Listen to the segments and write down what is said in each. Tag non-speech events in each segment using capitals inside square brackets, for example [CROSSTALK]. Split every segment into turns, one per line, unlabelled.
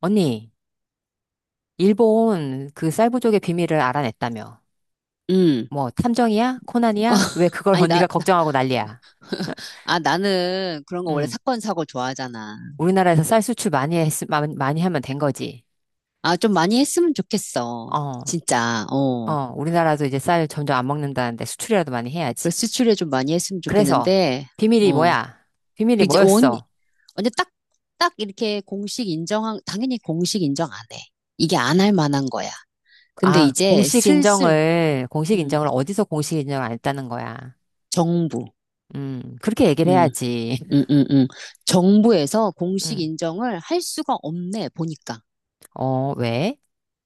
언니, 일본 그 쌀부족의 비밀을 알아냈다며.
음.
뭐, 탐정이야?
어,
코난이야? 왜
[LAUGHS]
그걸 [LAUGHS]
아니, 나,
언니가 걱정하고 난리야?
[LAUGHS] 아, 나는 그런 거 원래
응.
사건, 사고 좋아하잖아.
우리나라에서 쌀 수출 많이 하면 된 거지.
아, 좀 많이 했으면 좋겠어.
어,
진짜,
어,
어.
우리나라도 이제 쌀 점점 안 먹는다는데 수출이라도 많이 해야지.
그래서 수출에 좀 많이 했으면
그래서,
좋겠는데,
비밀이
어.
뭐야? 비밀이
그 이제 원,
뭐였어?
언제 딱 이렇게 공식 인정한, 당연히 공식 인정 안 해. 이게 안 할 만한 거야. 근데
아,
이제 슬슬,
공식
음,
인정을 어디서 공식 인정을 안 했다는 거야.
정부,
그렇게 얘기를
음,
해야지.
음,
[LAUGHS]
음, 음. 정부에서 공식
음,
인정을 할 수가 없네, 보니까.
어, 왜?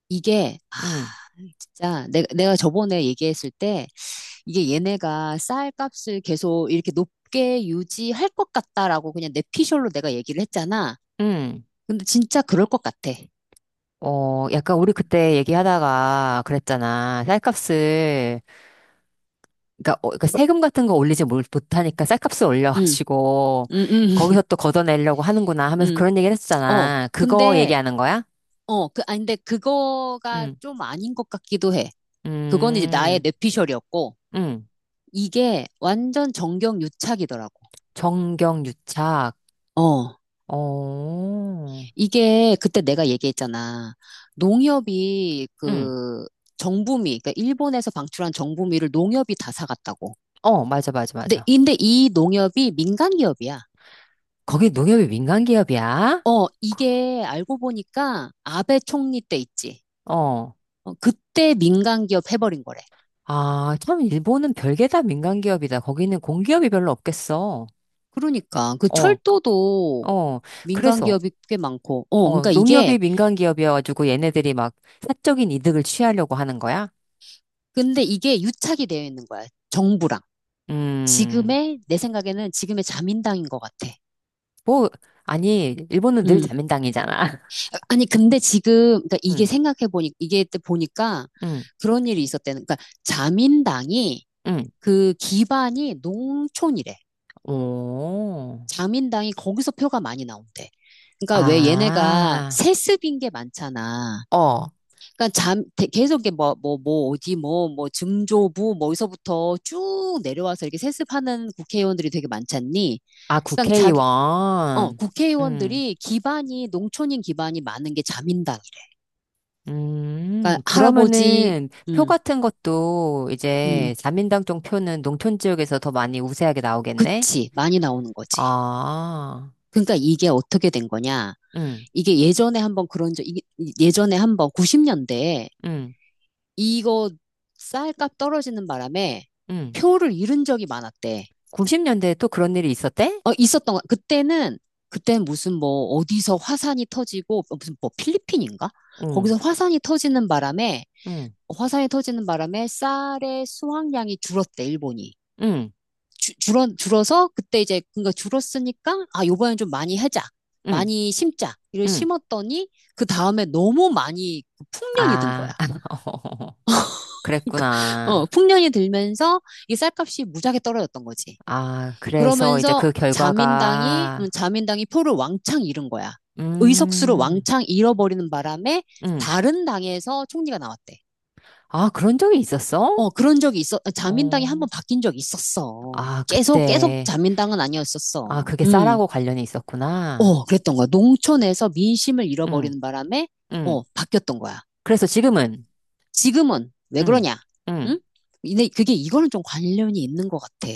이게, 아,
음,
진짜 내가 저번에 얘기했을 때 이게 얘네가 쌀값을 계속 이렇게 높게 유지할 것 같다라고 그냥 내피셜로 내가 얘기를 했잖아.
음.
근데 진짜 그럴 것 같아.
어, 약간 우리 그때 얘기하다가 그랬잖아. 쌀값을, 그러니까, 어, 그러니까 세금 같은 거 올리지 못하니까 쌀값을
응,
올려가지고,
응, 응, [LAUGHS]
거기서 또 걷어내려고 하는구나 하면서
응.
그런 얘기를
어,
했었잖아. 그거
근데,
얘기하는 거야?
어, 그, 아, 근데 그거가
응,
좀 아닌 것 같기도 해. 그건 이제 나의
음,
내피셜이었고,
응.
이게 완전 정경유착이더라고.
정경유착.
어,
어,
이게 그때 내가 얘기했잖아. 농협이
응.
그 정부미, 그러니까 일본에서 방출한 정부미를 농협이 다 사갔다고.
어, 맞아, 맞아,
근데,
맞아.
근데 이 농협이 민간 기업이야.
거기 농협이 민간기업이야?
어, 이게 알고 보니까 아베 총리 때 있지.
어.
어, 그때 민간 기업 해버린 거래.
아, 참, 일본은 별게 다 민간기업이다. 거기는 공기업이 별로 없겠어.
그러니까 그
어,
철도도
어,
민간
그래서,
기업이 꽤 많고, 어,
어,
그러니까 이게,
농협이 민간 기업이어가지고 얘네들이 막 사적인 이득을 취하려고 하는 거야?
근데 이게 유착이 되어 있는 거야. 정부랑.
음,
지금의, 내 생각에는 지금의 자민당인 것 같아.
뭐, 아니, 일본은 늘
응.
자민당이잖아. [LAUGHS]
아니, 근데 지금, 그러니까 이게
응,
생각해보니, 이게 때 보니까
응,
그런 일이 있었대는 그러니까 자민당이
응.
그 기반이 농촌이래.
오,
자민당이 거기서 표가 많이 나온대. 그러니까 왜 얘네가
아,
세습인 게 많잖아.
어,
그러니까 계속 이게 뭐, 뭐, 뭐, 어디 뭐, 뭐, 증조부, 뭐, 어디서부터 쭉 내려와서 이렇게 세습하는 국회의원들이 되게 많잖니.
아,
그러니까 자기, 어,
국회의원. 음,
국회의원들이 기반이, 농촌인 기반이 많은 게 자민당이래. 그러니까 할아버지,
그러면은 표
음.
같은 것도
음,
이제 자민당 쪽 표는 농촌 지역에서 더 많이 우세하게 나오겠네?
그치. 많이 나오는 거지.
아,
그러니까 이게 어떻게 된 거냐.
응,
이게 예전에 한번 그런 적, 이게 예전에 한번 90년대에
응,
이거 쌀값 떨어지는 바람에
응.
표를 잃은 적이 많았대.
90년대에 또 그런 일이 있었대?
어, 있었던 거. 그때는, 그때 무슨 뭐 어디서 화산이 터지고, 어, 무슨 뭐 필리핀인가? 거기서
응,
화산이 터지는 바람에,
응,
화산이 터지는 바람에 쌀의 수확량이 줄었대, 일본이.
응,
줄어서 그때 이제 그러니까 줄었으니까 아 요번엔 좀 많이 하자
응,
많이 심자 이를
응.
심었더니 그 다음에 너무 많이 그 풍년이 든 거야.
아, [LAUGHS]
[LAUGHS] 어
그랬구나.
풍년이 들면서 이 쌀값이 무지하게 떨어졌던 거지.
아, 그래서 이제
그러면서
그
자민당이
결과가,
음, 자민당이 표를 왕창 잃은 거야. 의석수를
음,
왕창 잃어버리는 바람에
음.
다른 당에서 총리가 나왔대.
아, 그런 적이 있었어?
어 그런 적이 있어. 자민당이 한 번
어,
바뀐 적이 있었어.
아,
계속 계속
그때.
자민당은
아,
아니었었어.
그게
음.
쌀하고 관련이 있었구나.
어, 그랬던 거야. 농촌에서 민심을
응,
잃어버리는 바람에, 어,
응.
바뀌었던 거야.
그래서 지금은,
지금은 왜
응,
그러냐? 응?
응.
근데 그게 이거는 좀 관련이 있는 것 같아.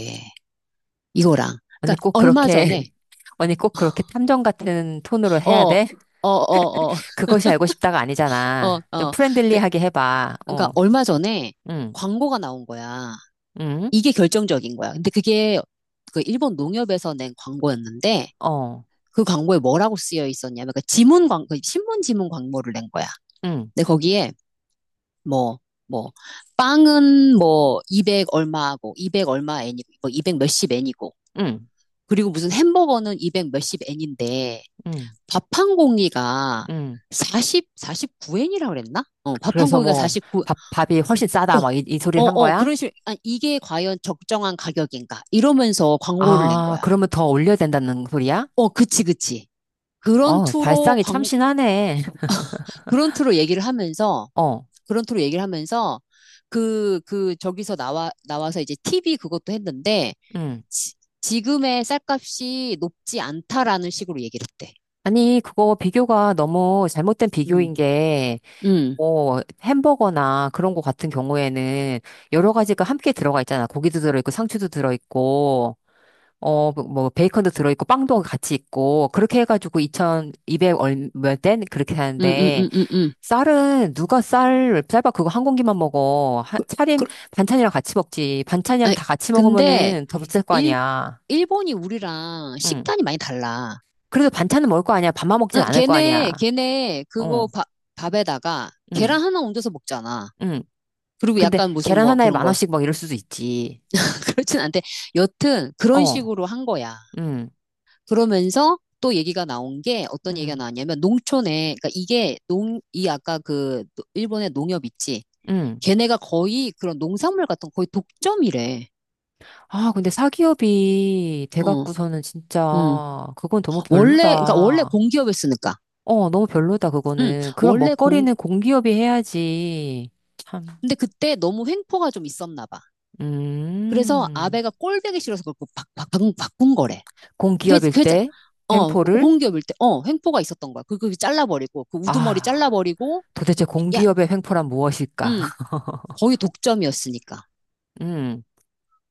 이거랑.
언니
그러니까
꼭
얼마 전에,
그렇게, [LAUGHS] 언니 꼭 그렇게 탐정 같은 톤으로 해야
어, 어,
돼?
어, 어,
그것이 알고 싶다가
어,
아니잖아. 좀
어. 그,
프렌들리하게 해봐.
그러니까
어,
얼마 전에
응,
광고가 나온 거야.
응,
이게 결정적인 거야. 근데 그게 그 일본 농협에서 낸 광고였는데,
어,
그 광고에 뭐라고 쓰여 있었냐면, 그 신문 지문 광고를 낸 거야.
응,
근데 거기에 뭐, 뭐, 빵은 뭐, 200 얼마하고, 200 얼마 엔이고, 뭐, 200 몇십 엔이고,
응,
그리고 무슨 햄버거는 200 몇십 엔인데,
응,
밥 한 공기가
응.
40, 49엔이라 그랬나? 어, 밥 한
그래서
공기가
뭐,
49,
밥, 밥이 훨씬
어,
싸다.
어,
막 이 소리를 한
어, 그런
거야?
식으로, 아, 이게 과연 적정한 가격인가? 이러면서 광고를 낸
아,
거야.
그러면 더 올려야 된다는 소리야?
어, 그치, 그치. 그런
어,
투로
발상이
광고
참신하네. [LAUGHS]
그런 투로 얘기를 하면서
어,
그런 투로 얘기를 하면서 그, 그, 저기서 나와, 나와서 이제 TV 그것도 했는데,
응.
지, 지금의 쌀값이 높지 않다라는 식으로 얘기를 했대.
아니, 그거 비교가 너무 잘못된
음,
비교인 게,
음,
뭐, 햄버거나 그런 거 같은 경우에는 여러 가지가 함께 들어가 있잖아. 고기도 들어있고, 상추도 들어있고. 어, 뭐, 뭐 베이컨도 들어있고, 빵도 같이 있고, 그렇게 해가지고 2,200 얼몇 엔? 그렇게
음, 음,
하는데,
음, 음, 음.
쌀은, 누가 쌀, 쌀밥 그거 한 공기만 먹어. 하,
그, 그,
차림, 반찬이랑 같이 먹지. 반찬이랑
아니,
다 같이
근데,
먹으면은 더 비쌀 거
일,
아니야.
일본이 우리랑
응.
식단이 많이 달라.
그래도 반찬은 먹을 거 아니야. 밥만 먹진
아,
않을 거 아니야.
걔네, 걔네, 그거
어,
밥, 밥에다가
응,
계란 하나 얹어서 먹잖아.
응.
그리고
근데
약간 무슨
계란
뭐
하나에
그런
만
거.
원씩 막 이럴 수도 있지.
[LAUGHS] 그렇진 않대. 여튼, 그런
어,
식으로 한 거야.
응,
그러면서 또 얘기가 나온 게 어떤 얘기가
응,
나왔냐면 농촌에 그러니까 이게 농 이 아까 그 일본의 농협 있지
응.
걔네가 거의 그런 농산물 같은 거 거의 독점이래.
아, 근데 사기업이
어,
돼갖고서는
음.
진짜 그건 너무
원래 그러니까 원래
별로다.
공기업이었으니까.
어, 너무 별로다,
음,
그거는. 그런
원래 공
먹거리는 공기업이 해야지. 참.
근데 그때 너무 횡포가 좀 있었나 봐. 그래서
음.
아베가 꼴보기 싫어서 그걸 바꾼 거래. 그,
공기업일
그,
때
어,
횡포를?
공기업일 때, 어, 횡포가 있었던 거야. 그거 잘라버리고, 그 우두머리
아,
잘라버리고,
도대체
미- 야,
공기업의 횡포란 무엇일까?
음,
[LAUGHS]
거의 독점이었으니까.
음,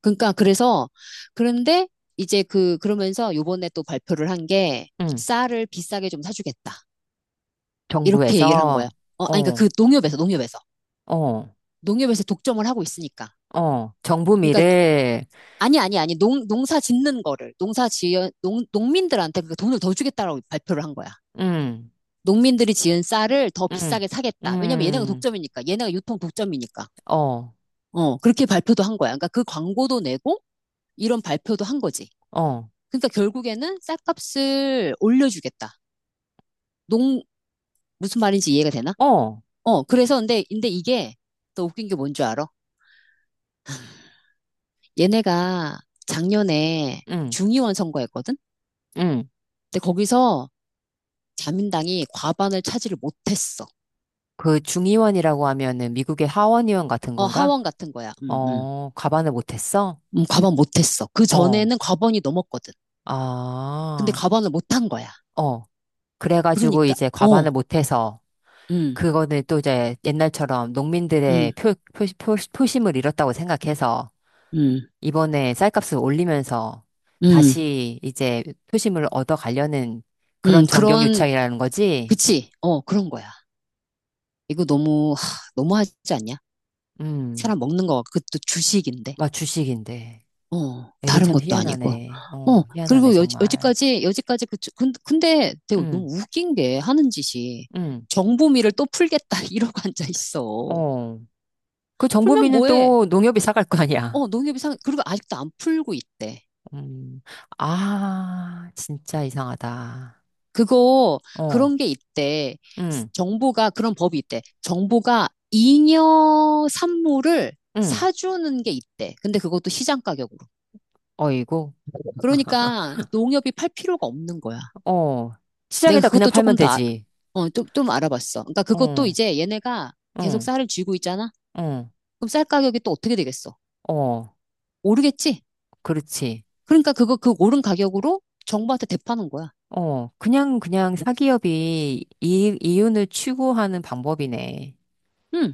그러니까 그래서 그런데 이제 그 그러면서 요번에 또 발표를 한 게
음.
쌀을 비싸게 좀 사주겠다. 이렇게 얘기를 한 거야.
정부에서,
어, 아니 그러니까
어,
그 농협에서 농협에서
어,
농협에서 독점을 하고 있으니까.
어. 정부
그러니까 노-
미래,
아니 아니 아니 농 농사 짓는 거를 농사 지은 농 농민들한테 그 돈을 더 주겠다라고 발표를 한 거야.
음,
농민들이 지은 쌀을 더
음,
비싸게 사겠다. 왜냐면 얘네가
음,
독점이니까. 얘네가 유통 독점이니까.
어,
어, 그렇게 발표도 한 거야. 그러니까 그 광고도 내고 이런 발표도 한 거지.
어,
그러니까 결국에는 쌀값을 올려주겠다. 농, 무슨 말인지 이해가 되나?
어,
어, 그래서 근데 이게 또 웃긴 게 뭔 줄 알아? 얘네가 작년에
음.
중의원 선거했거든?
음.
근데 거기서 자민당이 과반을 차지를 못했어.
그 중의원이라고 하면은 미국의 하원의원 같은
어,
건가?
하원 같은 거야.
어, 과반을 못했어?
과반 못했어. 그
어,
전에는 과반이 넘었거든. 근데
아,
과반을 못한 거야.
어. 그래가지고
그러니까,
이제 과반을
어,
못해서
음,
그거는 또 이제 옛날처럼 농민들의
음,
표심을 잃었다고 생각해서
음,
이번에 쌀값을 올리면서
음,
다시 이제 표심을 얻어가려는 그런
그런,
정경유착이라는 거지?
그치? 어, 그런 거야. 이거 너무, 하, 너무하지 않냐?
음,
사람 먹는 거 그것도 주식인데.
막 주식인데.
어,
애들
다른
참
것도 아니고.
희한하네.
어,
어, 희한하네,
그리고 여,
정말.
여지까지 그, 근데 되게 너무
음,
웃긴 게 하는 짓이
음.
정보미를 또 풀겠다 [LAUGHS] 이러고 앉아 있어.
어. 그
풀면
정보비는
뭐해?
또 농협이 사갈 거 아니야.
어, 농협이상, 그리고 아직도 안 풀고 있대.
음. 아, 진짜 이상하다.
그거,
어,
그런 게 있대.
응,
정보가, 그런 법이 있대. 정보가 잉여 산물을
응.
사주는 게 있대. 근데 그것도 시장 가격으로.
어이구,
그러니까 농협이 팔 필요가 없는 거야.
어.
내가
시장에다 그냥
그것도
팔면
조금 더, 아-
되지.
어, 좀, 좀 알아봤어. 그러니까 그것도
어,
이제 얘네가 계속
응,
쌀을 쥐고 있잖아?
응,
그럼 쌀 가격이 또 어떻게 되겠어?
어.
오르겠지?
그렇지.
그러니까 그거, 그 오른 가격으로 정부한테 대파는 거야.
어. 그냥, 그냥 사기업이 이윤을 추구하는 방법이네.
응.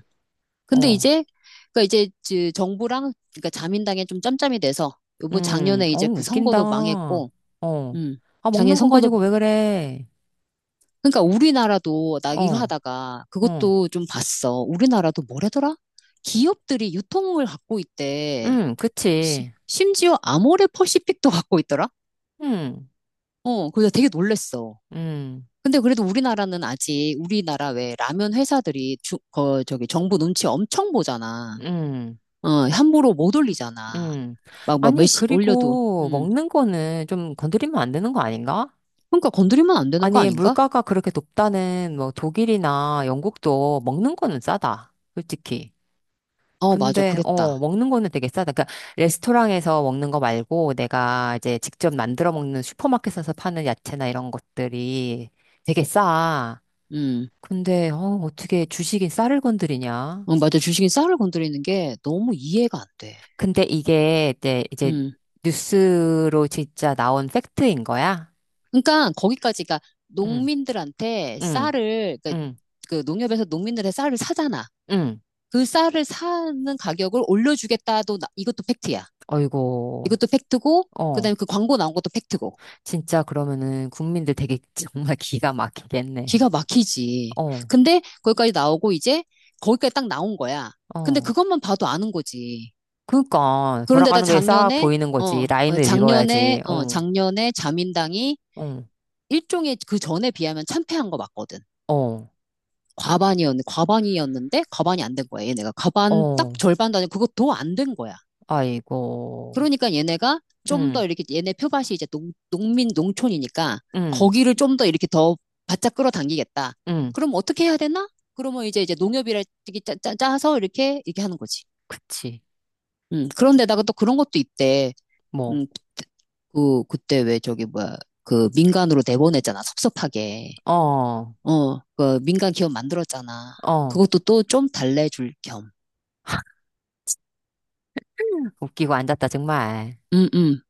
근데
어,
이제, 그러니까 이제 그 정부랑, 그러니까 자민당에 좀 짬짬이 돼서, 요번 작년에
어,
이제 그
웃긴다.
선거도
어.
망했고, 음.
아,
작년
먹는 거
선거도,
가지고 왜 그래.
그러니까 우리나라도, 나 이거
어,
하다가
어.
그것도 좀 봤어. 우리나라도 뭐래더라? 기업들이 유통을 갖고 있대. 시-
그치.
심지어 아모레 퍼시픽도 [LAUGHS] 갖고 있더라?
음.
어, 그래서 되게 놀랬어.
음,
근데 그래도 우리나라는 아직 우리나라 왜 라면 회사들이 주, 거, 저기 정부 눈치 엄청 보잖아.
음,
어, 함부로 못 올리잖아.
음.
막
아니,
몇시 올려도.
그리고
음.
먹는 거는 좀 건드리면 안 되는 거 아닌가?
그러니까 건드리면 안 되는 거
아니,
아닌가?
물가가 그렇게 높다는 뭐 독일이나 영국도 먹는 거는 싸다. 솔직히.
어, 맞아.
근데, 어,
그랬다.
먹는 거는 되게 싸다. 그러니까 레스토랑에서 먹는 거 말고 내가 이제 직접 만들어 먹는 슈퍼마켓에서 파는 야채나 이런 것들이 되게 싸.
음.
근데, 어, 어떻게 주식이 쌀을 건드리냐?
어, 맞아. 주식인 쌀을 건드리는 게 너무 이해가 안 돼.
근데 이게 이제, 이제
음.
뉴스로 진짜 나온 팩트인 거야?
그러니까 거기까지가
응,
농민들한테
응,
쌀을, 그러니까
응,
그 농협에서 농민들의 쌀을 사잖아.
응.
그 쌀을 사는 가격을 올려주겠다도 이것도 팩트야.
어이고,
이것도 팩트고
어.
그다음에 그 광고 나온 것도 팩트고
진짜 그러면은 국민들 되게 [LAUGHS] 정말 기가 막히겠네.
기가 막히지.
어,
근데 거기까지 나오고 이제 거기까지 딱 나온 거야. 근데
어.
그것만 봐도 아는 거지.
그니까,
그런데다
돌아가는 게 싹
작년에
보이는
어,
거지.
어,
라인을
작년에
읽어야지.
어
어,
작년에 자민당이
어,
일종의 그 전에 비하면 참패한 거 맞거든.
어,
과반이었는데 과반이 안 된 거야. 얘네가 과반 딱
어.
절반도 아니고 그것도 안 된 거야.
아이고,
그러니까 얘네가 좀 더
응,
이렇게 얘네 표밭이 이제 농민 농촌이니까
응,
거기를 좀 더 이렇게 더 바짝 끌어당기겠다.
응.
그럼 어떻게 해야 되나? 그러면 이제 농협이라 짜서 이렇게 이렇게 하는 거지.
그치.
그런데다가 또 그런 것도 있대.
뭐,
음, 그 그때 왜 저기 뭐야 그 민간으로 내보냈잖아 섭섭하게.
어,
어, 그 민간 기업 만들었잖아.
어.
그것도 또 좀 달래줄 겸.
웃기고 앉았다, 정말.
음, 음.